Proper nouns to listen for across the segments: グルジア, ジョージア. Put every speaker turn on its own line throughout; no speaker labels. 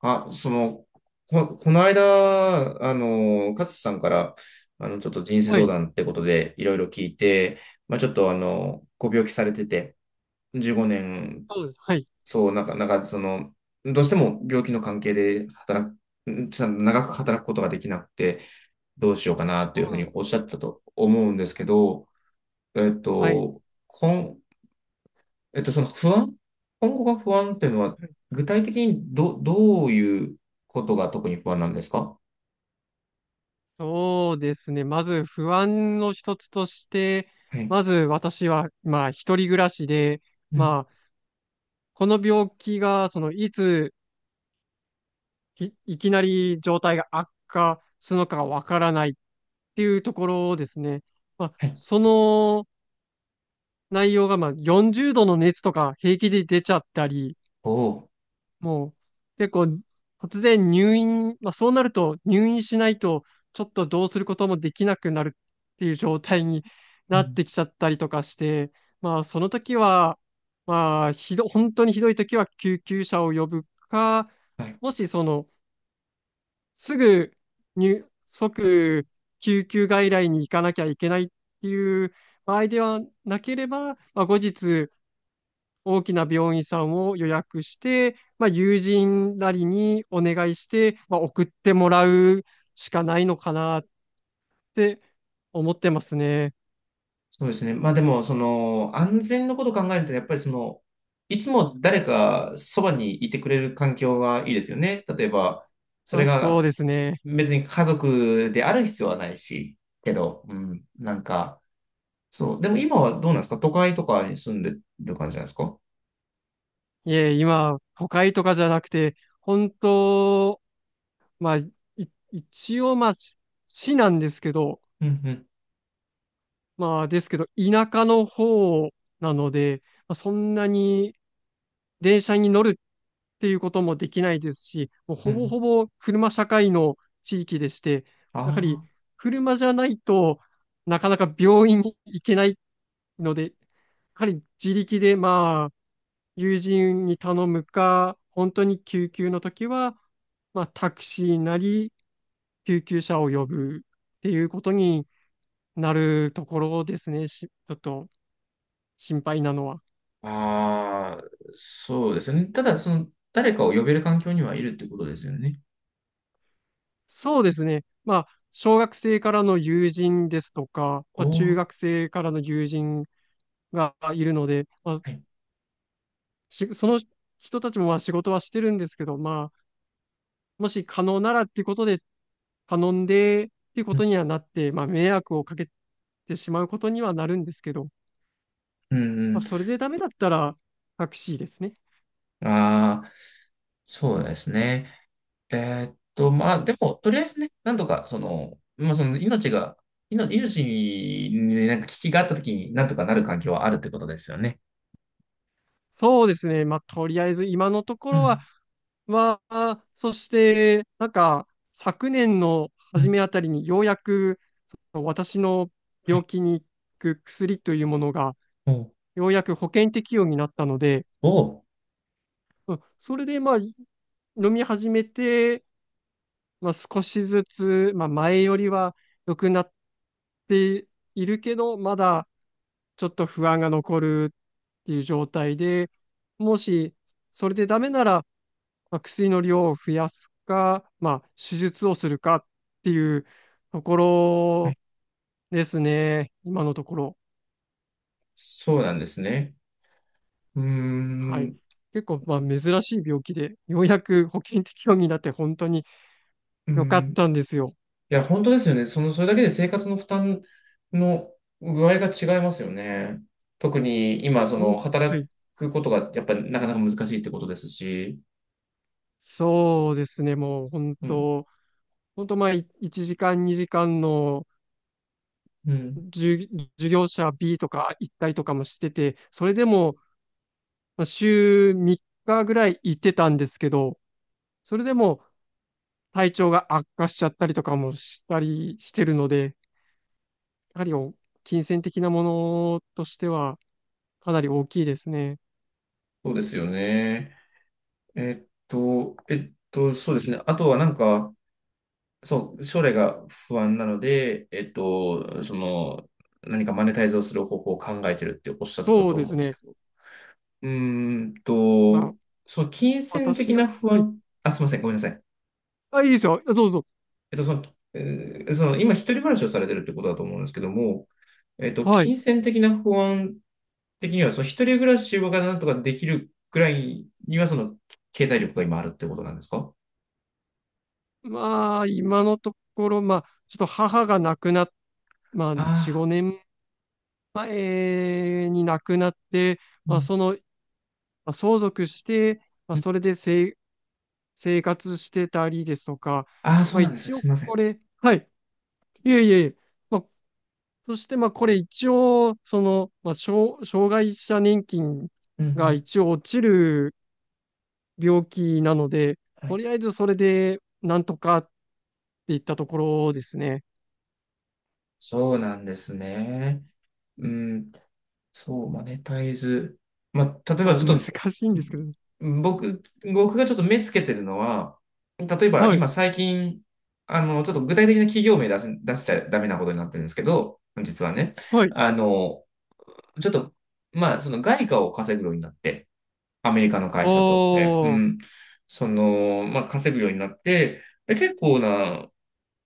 あ、その、この間、勝さんから、ちょっと人生
は
相
い。
談ってことで、いろいろ聞いて、まあ、ちょっと、ご病気されてて、15年、
そうです。はい。
そう、なんか、その、どうしても病気の関係で働く、んちょっと長く働くことができなくて、どうしようかな、と
そ
い
う
うふう
なんで
に
す
お
よ
っしゃっ
ね。
たと思うんですけど、えっ
はい。
と、こんえっと、その不安、今後が不安っていうのは、
はい。
具体的にどういうことが特に不安なんですか？
そうですね。まず不安の一つとして、
はい。
まず私は、まあ、一人暮らしで、
うん。
まあ、この病気が、いつ、いきなり状態が悪化するのかがわからないっていうところですね。まあ、
はい。
その内容が、まあ、40度の熱とか平気で出ちゃったり、
おお。
もう結構突然入院、まあそうなると入院しないとちょっとどうすることもできなくなるっていう状態に
う
なっ
ん。
てきちゃったりとかして、まあその時は、まあ本当にひどい時は救急車を呼ぶか、
はい。
もしすぐ即救急外来に行かなきゃいけないっていう場合ではなければ、まあ後日大きな病院さんを予約して、まあ、友人なりにお願いして、まあ、送ってもらうしかないのかなって思ってますね。
そうですね。まあでも、その、安全のことを考えると、やっぱりその、いつも誰かそばにいてくれる環境がいいですよね。例えば、そ
ま
れ
あ、そう
が
ですね。
別に家族である必要はないし、けど、うん。なんか、そう。でも今はどうなんですか？都会とかに住んでる感じなんですか？
いえ、今、都会とかじゃなくて、本当、まあ、一応、まあ、市なんですけど、
うんうん。
まあ、ですけど、田舎の方なので、まあ、そんなに電車に乗るっていうこともできないですし、もう
うん
ほ
う
ぼ
ん。
ほぼ車社会の地域でして、
あ
やはり
あ。
車じゃないとなかなか病院に行けないので、やはり自力でまあ友人に頼むか、本当に救急の時は、まあ、タクシーなり救急車を呼ぶっていうことになるところですね、ちょっと心配なのは。
ああ、そうですね。ただ、その、誰かを呼べる環境にはいるってことですよね。
そうですね。まあ、小学生からの友人ですとか、
お
まあ、中
ー、
学生からの友人がいるので、まあ、
はい。
その人たちもまあ仕事はしてるんですけど、まあ、もし可能ならっていうことで頼んでっていうこ
うん、
とにはなって、まあ、迷惑をかけてしまうことにはなるんですけど、
う
ま
ん、
あ、
う
それでダメだったらタクシーですね。
ん。ああ、そうですね。まあ、でも、とりあえずね、なんとか、その、まあ、その、命が、命にねなんか危機があったときに、なんとかなる環境はあるってことですよね。
そうですね。まあ、とりあえず今のとこ
う
ろは
ん、
は、そして、なんか、昨年の
う
初
ん、
めあたりにようやく、その私の
は
病
い。
気に効く薬というものが、
おー、
ようやく保険適用になったので、
おー、
うん、それで、まあ、飲み始めて、まあ、少しずつ、まあ、前よりは良くなっているけど、まだちょっと不安が残るっていう状態で、もしそれでダメなら、まあ、薬の量を増やすか、まあ、手術をするかっていうとこ
は
ろ
い。
ですね、今のところ。
そうなんですね。うー
はい。
ん、
結構、まあ、珍しい病気で、ようやく保険適用になって本当に
うー
良かっ
ん。
たんですよ。
いや、本当ですよね。その、それだけで生活の負担の具合が違いますよね。特に今、そ
ほん、
の、
は
働
い。
くことがやっぱりなかなか難しいってことですし。
そうですね、もう本
うん。
当、まあ、1時間、2時間の
うん。
授授業者 B とか行ったりとかもしてて、それでも、まあ週3日ぐらい行ってたんですけど、それでも、体調が悪化しちゃったりとかもしたりしてるので、やはり金銭的なものとしてはかなり大きいですね。
そうですよね。そうですね。あとはなんか、そう、将来が不安なので、えっと、その、何かマネタイズをする方法を考えてるっておっしゃってた
そう
と
で
思
す
うんです
ね。
けど。うーん
ま
と、
あ、
その金銭的
私が、
な不
はい。
安、あ、すみません。ごめんなさい。
あ、いいですよ。どうぞ。
えっと、その、えーその今、一人暮らしをされてるってことだと思うんですけども、えっと、
はい。
金銭的な不安的には、その一人暮らしがなんとかできるくらいには、その経済力が今あるってことなんですか？
まあ、今のところ、まあ、ちょっと母が亡くなっ、まあ、
あ
4、
あ、
5年前に亡くなって、
う
まあ、
ん、
まあ、相続して、まあ、
うん
それで生活してたりですとか、
ああ、そ
ま
う
あ、
なんですね。
一応
すいません。
これ、はい。いえいえいえ、まあ、そして、まあ、これ一応、まあ、障害者年金
うん、う
が
ん。
一応落ちる病気なので、
は
と
い。
りあえずそれで、なんとかっていったところですね。
そうなんですね。うんそう、マネタイズ。まあ、例えば
そう、
ちょっ
難
と、
しいんですけど。
僕、僕がちょっと目つけてるのは、例えば
はい、
今最近、あの、ちょっと具体的な企業名出しちゃダメなことになってるんですけど、実はね、
はい。
あの、ちょっと、まあ、その外貨を稼ぐようになって、アメリカの
あ
会社と、ね、う
ー、
ん、その、まあ、稼ぐようになって、で結構な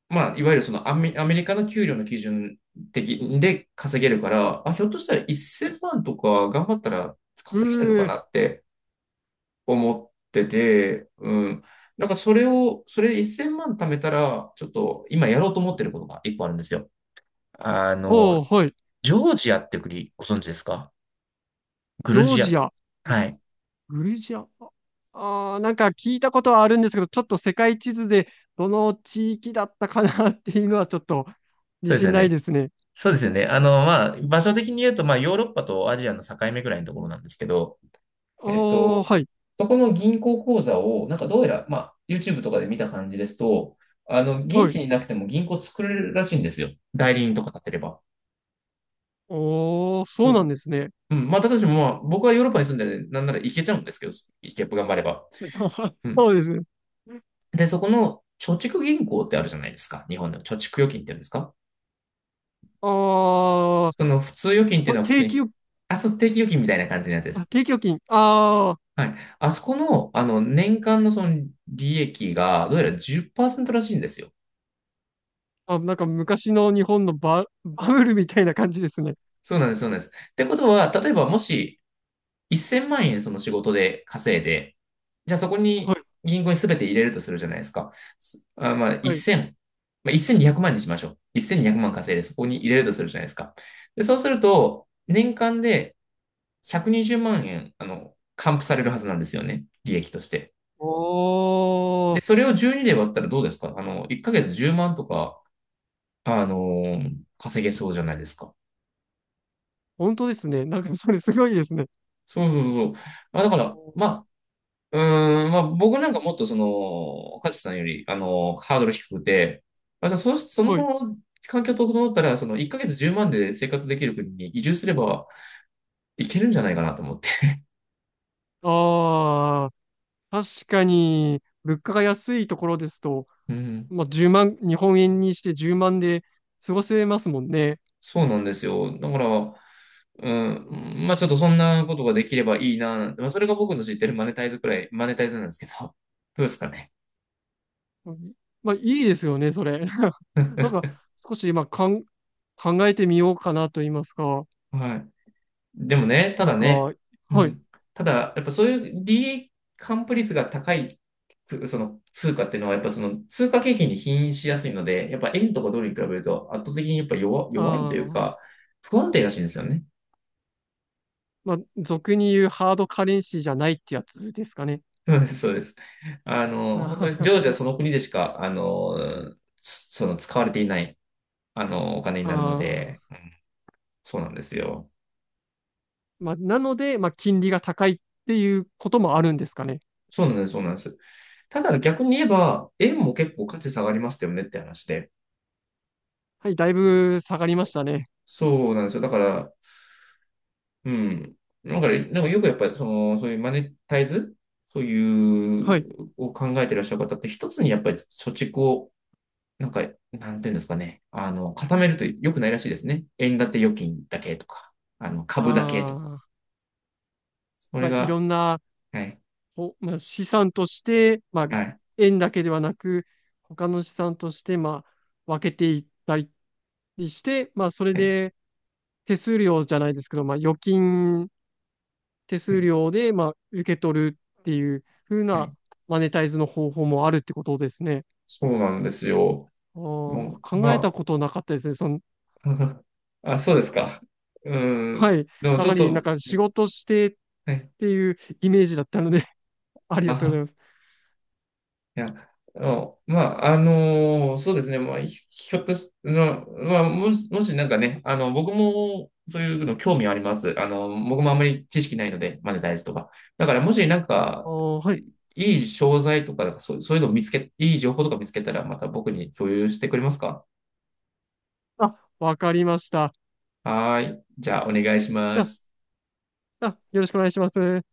まあ、いわゆるそのアメリカの給料の基準的で稼げるから、あ、ひょっとしたら1000万とか頑張ったら
う
稼げるのか
ー、
なって思ってて、うん。なんかそれを、それ1000万貯めたら、ちょっと今やろうと思ってることが一個あるんですよ。あ
お
の、
ー、はい。
ジョージアって国ご存知ですか？グ
ジョ
ル
ー
ジ
ジ
ア。
ア、え
はい。
グルジア、ああー、なんか聞いたことはあるんですけど、ちょっと世界地図でどの地域だったかなっていうのはちょっと
そ
自
うですよ
信ない
ね。
ですね。
そうですよね。あの、まあ、場所的に言うと、まあ、ヨーロッパとアジアの境目ぐらいのところなんですけど、
あ
えっ
あ、
と、
はい。
そこの銀行口座を、なんかどうやら、まあ、YouTube とかで見た感じですと、あの、現
はい。
地になくても銀行作れるらしいんですよ。代理人とか立てれば。
おー、
う
そうなん
ん。
ですね。
うん。まあ、私もまあ、僕はヨーロッパに住んでるんで、なんなら行けちゃうんですけど、行けば頑張れば。うん。
そうです。
で、そこの貯蓄銀行ってあるじゃないですか。日本の貯蓄預金って言うんですか？
あ
その普通預金っていう
ー、
のは普
定
通
期
に、
預、
あ、そう、定期預金みたいな感じのやつで
あ、
す。
定期預金。あ
はい。あそこの、あの、年間のその利益が、どうやら10%らしいんですよ。
ー、あ、なんか昔の日本のバブルみたいな感じですね。
そうなんです、そうなんです。ってことは、例えばもし1000万円その仕事で稼いで、じゃあそこ
は
に
い、
銀行に全て入れるとするじゃないですか。すあ、まあ
はい。
1000、まあ、1200万にひゃくまんにしましょう。1200万稼いでそこに入れるとするじゃないですか。で、そうすると、年間で120万円、あの、還付されるはずなんですよね。利益として。
お
で、
ー、
それを12で割ったらどうですか？あの、1ヶ月10万とか、あのー稼げそうじゃないですか。
本当ですね。なんかそれすごいですね。
そうそうそう。まあだか
お
ら、
ー、
まあ僕なんかもっとその、カズさんより、あの、ハードル低くて、あ、じゃあそ、そ
はい。
の環境整ったら、その1ヶ月10万で生活できる国に移住すればいけるんじゃないかなと思って。
あー、確かに、物価が安いところですと、
うん、
まあ、10万、日本円にして10万で過ごせますもんね。
そうなんですよ。だから、うん、まあちょっとそんなことができればいいな、なんて、まあそれが僕の知ってるマネタイズくらい、マネタイズなんですけど、どうですかね。
うん、まあ、いいですよね、それ。なんか、少し今考えてみようかなと言いますか、
はい。でもね、た
なん
だ
か、
ね、
は
う
い。
ん。ただ、やっぱそういう利益還付率が高い、その通貨っていうのは、やっぱその通貨景気に起因しやすいので、やっぱ円とかドルに比べると圧倒的にやっぱ弱いという
ああ、
か、不安定らしいんですよね。
まあ、俗に言うハードカレンシーじゃないってやつですかね。
うんそうです。あの、本当に常時は その国でしか、あの、その使われていない、あの、お金に
あ
なるの
あ、
で、うんそうなんですよ。
まあ、なので、まあ、金利が高いっていうこともあるんですかね。
そうなんです、そうなんです。ただ逆に言えば、円も結構価値下がりましたよねって話で。
はい、だいぶ下がりましたね。
そうなんですよ。だから、うん。だから、なんかよくやっぱり、その、そういうマネタイズ、そういう、
はい。
を考えてらっしゃる方って、一つにやっぱり貯蓄を、なんか、なんていうんですかね。あの、固めると良くないらしいですね。円建て預金だけとか、あの、株だけとか。
ああ、
それ
まあ、いろ
が、
んな、
はい、
まあ、資産として、まあ、
はい、
円だけではなく、他の資産として、まあ、分けていったりして、まあ、それ
はい、
で手数料じゃないですけど、まあ、預金手
は
数
い、
料で、まあ、受け取るっていう風
は
な
い。
マネタイズの方法もあるってことですね。
そうなんですよ。
あー
もう、
考えた
ま
ことなかったですね。
あ、あ、そうですか。うん。
はい。
でも
や
ちょ
は
っ
り、なん
と、
か仕
ね、
事してっ
はい。
ていうイメージだったので あり
あ
が
は
とうござ
は
います。
いや、あのまあ、あのそうですね、まあ、ひひょっとし、の、まあ、もしなんかね、あの、僕もそういうの興味あります。あの、僕もあんまり知識ないので、マネタイズとか。だから、もしなん
あ
か、
ー、はい。
いい商材とか、なんかそう、いい情報とか見つけたら、また僕に共有してくれますか？
あ、わかりました。
はーい。じゃあ、お願いしま
じゃあ、
す。
よろしくお願いします。